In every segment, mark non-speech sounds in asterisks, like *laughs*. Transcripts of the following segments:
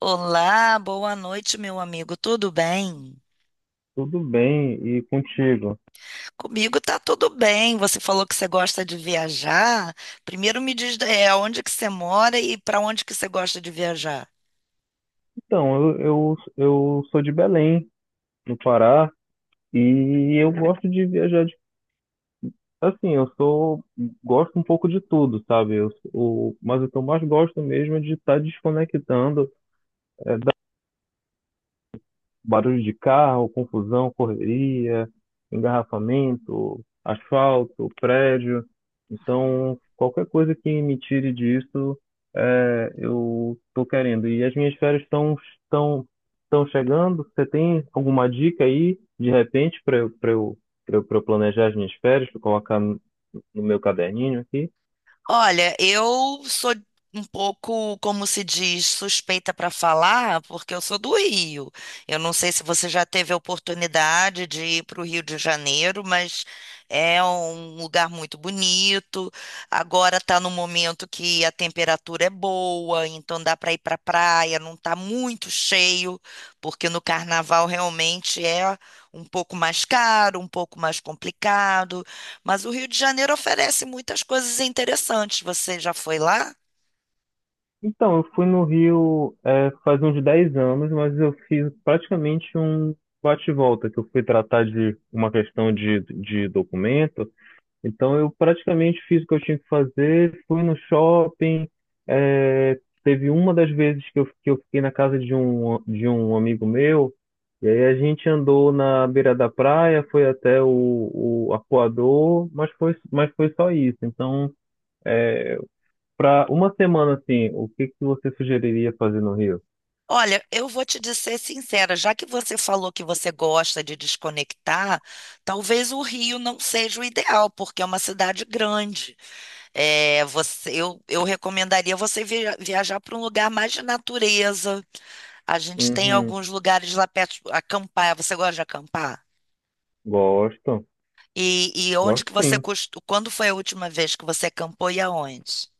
Olá, boa noite, meu amigo. Tudo bem? Tudo bem, e contigo? Comigo tá tudo bem. Você falou que você gosta de viajar. Primeiro me diz, onde que você mora e para onde que você gosta de viajar? Então, eu sou de Belém, no Pará, e eu gosto de viajar. Assim, Gosto um pouco de tudo, sabe? Mas o que eu mais gosto mesmo é de estar desconectando. Barulho de carro, confusão, correria, engarrafamento, asfalto, prédio. Então, qualquer coisa que me tire disso, eu estou querendo. E as minhas férias estão estão chegando. Você tem alguma dica aí, de repente, pra eu planejar as minhas férias, para colocar no meu caderninho aqui? Olha, eu sou um pouco, como se diz, suspeita para falar, porque eu sou do Rio. Eu não sei se você já teve a oportunidade de ir para o Rio de Janeiro, mas é um lugar muito bonito. Agora está no momento que a temperatura é boa, então dá para ir para a praia, não está muito cheio, porque no carnaval realmente é um pouco mais caro, um pouco mais complicado. Mas o Rio de Janeiro oferece muitas coisas interessantes. Você já foi lá? Então, eu fui no Rio, faz uns 10 anos, mas eu fiz praticamente um bate-volta, que eu fui tratar de uma questão de documento. Então, eu praticamente fiz o que eu tinha que fazer, fui no shopping. Teve uma das vezes que eu fiquei na casa de um amigo meu, e aí a gente andou na beira da praia, foi até o Arpoador, mas foi só isso. Então. é, Para uma semana, assim, o que que você sugeriria fazer no Rio? Olha, eu vou te dizer sincera, já que você falou que você gosta de desconectar, talvez o Rio não seja o ideal, porque é uma cidade grande. É, eu recomendaria você viajar para um lugar mais de natureza. A gente tem Uhum, alguns lugares lá perto, acampar. Você gosta de acampar? gosto, E onde gosto que você sim. costuma, quando foi a última vez que você acampou e aonde?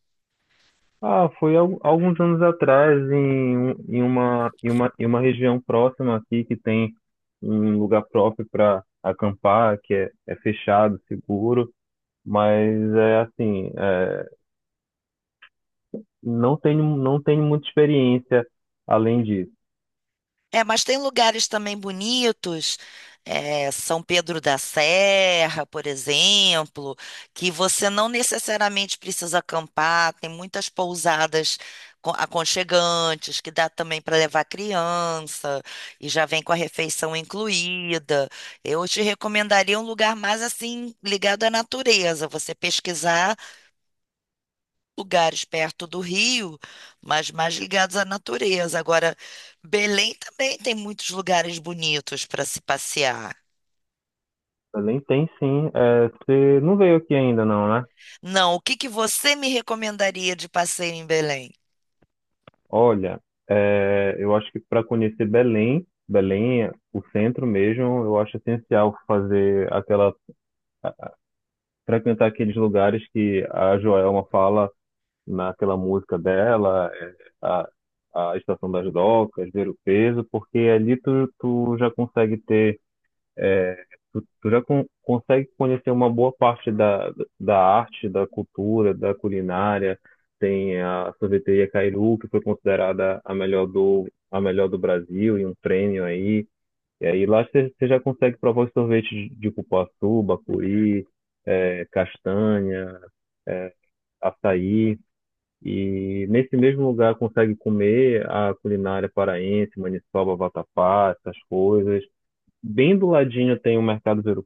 Ah, foi alguns anos atrás em uma região próxima aqui que tem um lugar próprio para acampar, que é fechado, seguro, mas é assim, não tenho muita experiência além disso. É, mas tem lugares também bonitos, São Pedro da Serra, por exemplo, que você não necessariamente precisa acampar, tem muitas pousadas aconchegantes, que dá também para levar criança, e já vem com a refeição incluída. Eu te recomendaria um lugar mais assim, ligado à natureza, você pesquisar lugares perto do Rio, mas mais ligados à natureza. Agora, Belém também tem muitos lugares bonitos para se passear. Além tem sim, você não veio aqui ainda não, né? Não, o que que você me recomendaria de passeio em Belém? Olha, eu acho que para conhecer Belém, Belém é o centro mesmo, eu acho essencial fazer aquela, frequentar aqueles lugares que a Joelma fala naquela música dela, a, a Estação das Docas, ver o peso, porque ali tu já consegue ter. Tu já consegue conhecer uma boa parte da arte, da cultura, da culinária. Tem a sorveteria Cairu, que foi considerada a melhor do Brasil, e um prêmio aí. E aí lá você já consegue provar os sorvetes de cupuaçu, bacuri, castanha, açaí. E nesse mesmo lugar consegue comer a culinária paraense, maniçoba, vatapá, essas coisas. Bem do ladinho tem o mercado Vero,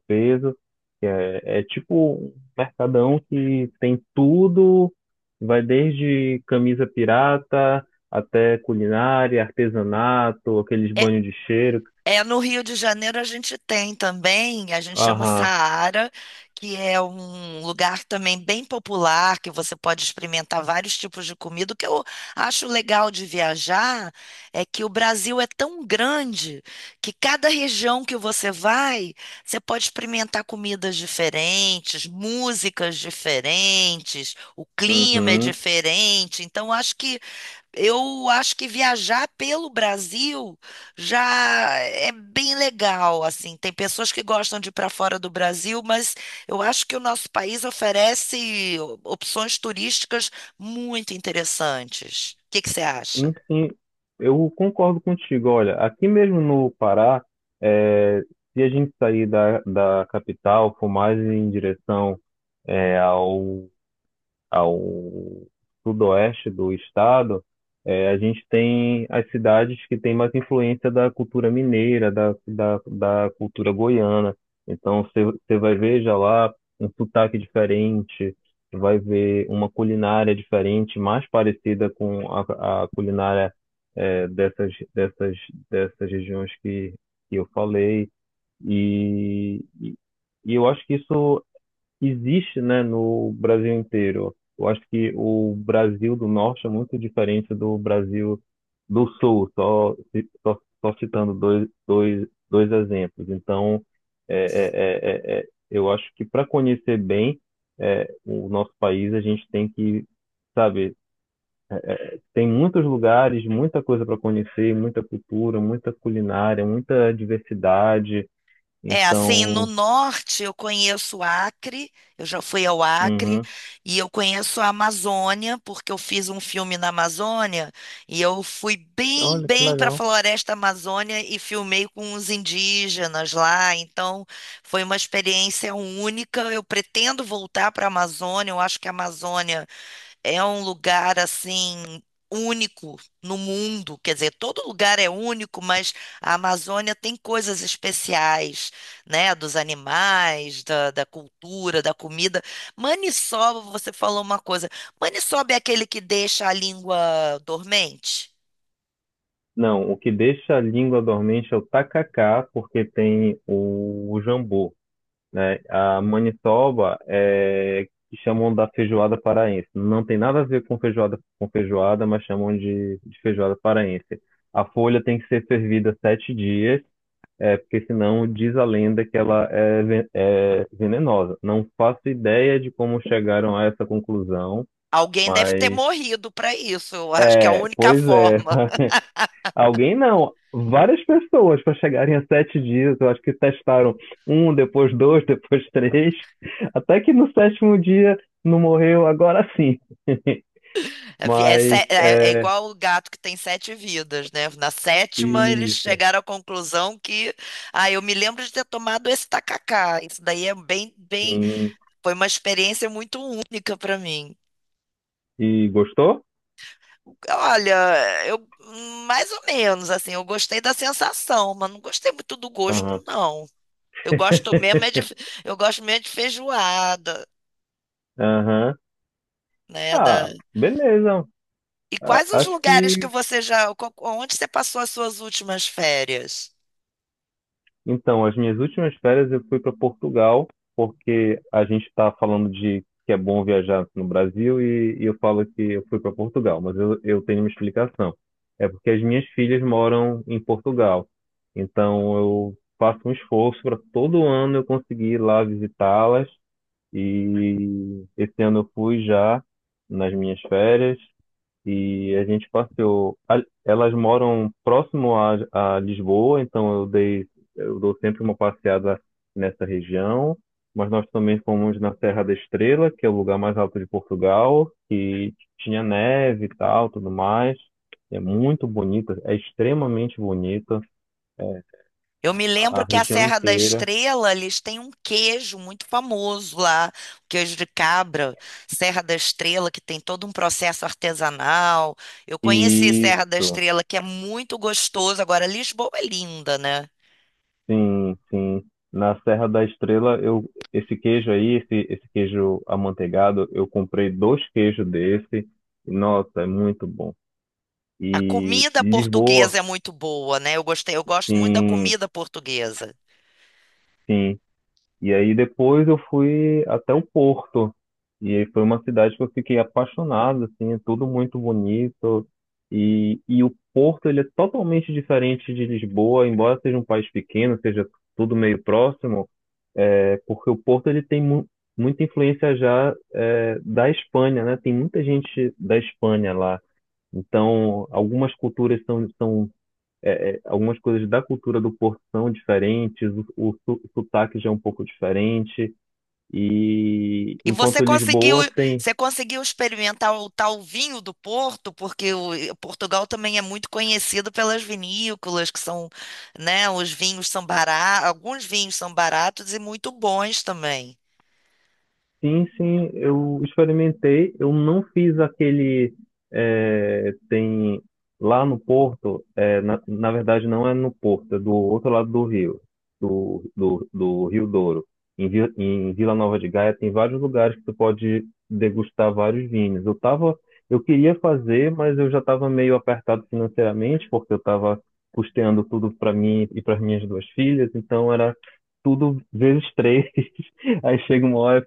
que é tipo um mercadão que tem tudo, vai desde camisa pirata até culinária, artesanato, aqueles É, banhos de cheiro. É, no Rio de Janeiro a gente tem também, a gente chama Aham, Saara, que é um lugar também bem popular, que você pode experimentar vários tipos de comida. O que eu acho legal de viajar é que o Brasil é tão grande que cada região que você vai, você pode experimentar comidas diferentes, músicas diferentes, o clima é uhum. diferente. Então, acho que eu acho que viajar pelo Brasil já é bem legal, assim. Tem pessoas que gostam de ir para fora do Brasil, mas eu acho que o nosso país oferece opções turísticas muito interessantes. O que que você acha? Enfim, eu concordo contigo. Olha, aqui mesmo no Pará, é, se a gente sair da capital, for mais em direção, é, ao ao sudoeste do estado, A gente tem as cidades que têm mais influência da cultura mineira, da cultura goiana. Então, você vai ver já lá um sotaque diferente, vai ver uma culinária diferente, mais parecida com a culinária, eh, dessas, dessas, dessas regiões que eu falei. E, e e eu acho que isso existe, né, no Brasil inteiro. Eu acho que o Brasil do Norte é muito diferente do Brasil do Sul, só citando dois exemplos. Então, eu acho que para conhecer bem, o nosso país, a gente tem que, sabe, tem muitos lugares, muita coisa para conhecer, muita cultura, muita culinária, muita diversidade. É, assim, no Então, norte eu conheço o Acre, eu já fui ao Acre, uhum. e eu conheço a Amazônia, porque eu fiz um filme na Amazônia, e eu fui bem, Olha que bem para a legal. Floresta Amazônia e filmei com os indígenas lá, então foi uma experiência única. Eu pretendo voltar para a Amazônia, eu acho que a Amazônia é um lugar assim único no mundo, quer dizer, todo lugar é único, mas a Amazônia tem coisas especiais, né, dos animais, da cultura, da comida. Maniçoba, você falou uma coisa. Maniçoba é aquele que deixa a língua dormente? Não, o que deixa a língua dormente é o tacacá, porque tem o jambu, né? A maniçoba é que chamam da feijoada paraense. Não tem nada a ver com feijoada, mas chamam de feijoada paraense. A folha tem que ser fervida 7 dias, é porque senão diz a lenda que ela é venenosa. Não faço ideia de como chegaram a essa conclusão, Alguém deve ter mas morrido para isso, eu acho que é a única pois é. forma. Alguém não, várias pessoas para chegarem a 7 dias. Eu acho que testaram um, depois dois, *laughs* depois três, até que no sétimo dia não morreu, agora sim. *laughs* É, Mas é é igual o gato que tem 7 vidas, né? Na sétima, eles isso, chegaram à conclusão que, ah, eu me lembro de ter tomado esse tacacá. Isso daí é bem, bem, sim. foi uma experiência muito única para mim. E gostou? Olha, eu mais ou menos assim, eu gostei da sensação, mas não gostei muito do gosto, Aham. não. Eu gosto mesmo é de, *laughs* eu gosto mesmo é de feijoada, Aham. né? Da... Ah, beleza. E A- quais os Acho lugares que que você já, onde você passou as suas últimas férias? Então, as minhas últimas férias eu fui para Portugal, porque a gente está falando de que é bom viajar no Brasil, e eu falo que eu fui para Portugal, mas eu tenho uma explicação. É porque as minhas filhas moram em Portugal, então eu faço um esforço para todo ano eu conseguir ir lá visitá-las, e esse ano eu fui já nas minhas férias e a gente passeou. Elas moram próximo a Lisboa, então eu dou sempre uma passeada nessa região. Mas nós também fomos na Serra da Estrela, que é o lugar mais alto de Portugal, que tinha neve e tal, tudo mais. É muito bonita, é extremamente bonita, é, Eu me lembro a que a região Serra da inteira. Estrela, eles têm um queijo muito famoso lá, o queijo de cabra, Serra da Estrela, que tem todo um processo artesanal. Eu conheci Serra da Isso. Estrela, que é muito gostoso. Agora, Lisboa é linda, né? Sim, sim. Na Serra da Estrela, esse queijo aí, esse queijo amanteigado, eu comprei dois queijos desse. Nossa, é muito bom. A E comida Lisboa, portuguesa é muito boa, né? Eu gostei, eu gosto muito da sim, comida portuguesa. sim. E aí depois eu fui até o Porto. E aí foi uma cidade que eu fiquei apaixonado, assim, é tudo muito bonito. E o Porto, ele é totalmente diferente de Lisboa, embora seja um país pequeno, seja tudo meio próximo. É, porque o Porto, ele tem mu muita influência já, da Espanha, né? Tem muita gente da Espanha lá. Então, algumas culturas são. Algumas coisas da cultura do Porto são diferentes, o sotaque já é um pouco diferente. E E enquanto Lisboa tem. você conseguiu experimentar o tal vinho do Porto, porque o, e Portugal também é muito conhecido pelas vinícolas, que são, né, os vinhos são baratos, alguns vinhos são baratos e muito bons também. Sim, sim, eu experimentei. Eu não fiz aquele. Tem lá no Porto, na verdade não é no Porto, é do outro lado do rio, do Rio Douro. Em Vila Nova de Gaia tem vários lugares que tu pode degustar vários vinhos. Eu queria fazer, mas eu já estava meio apertado financeiramente, porque eu estava custeando tudo para mim e para minhas duas filhas, então era tudo vezes três. *laughs* Aí chega uma hora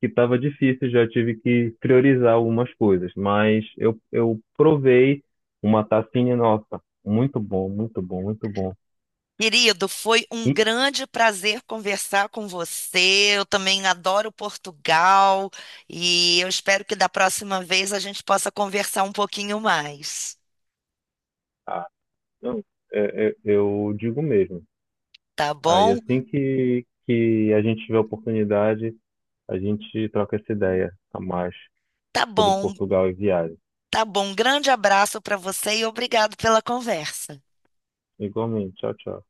que estava difícil, já tive que priorizar algumas coisas, mas eu provei uma tacinha, nossa, muito bom, muito bom, muito bom. Querido, foi um E, grande prazer conversar com você. Eu também adoro Portugal e eu espero que da próxima vez a gente possa conversar um pouquinho mais, ah, não, eu digo mesmo. tá Aí bom? assim que a gente tiver oportunidade, a gente troca essa ideia a mais Tá sobre bom. Portugal e viagem. Tá bom, grande abraço para você e obrigado pela conversa. Igualmente, tchau, tchau.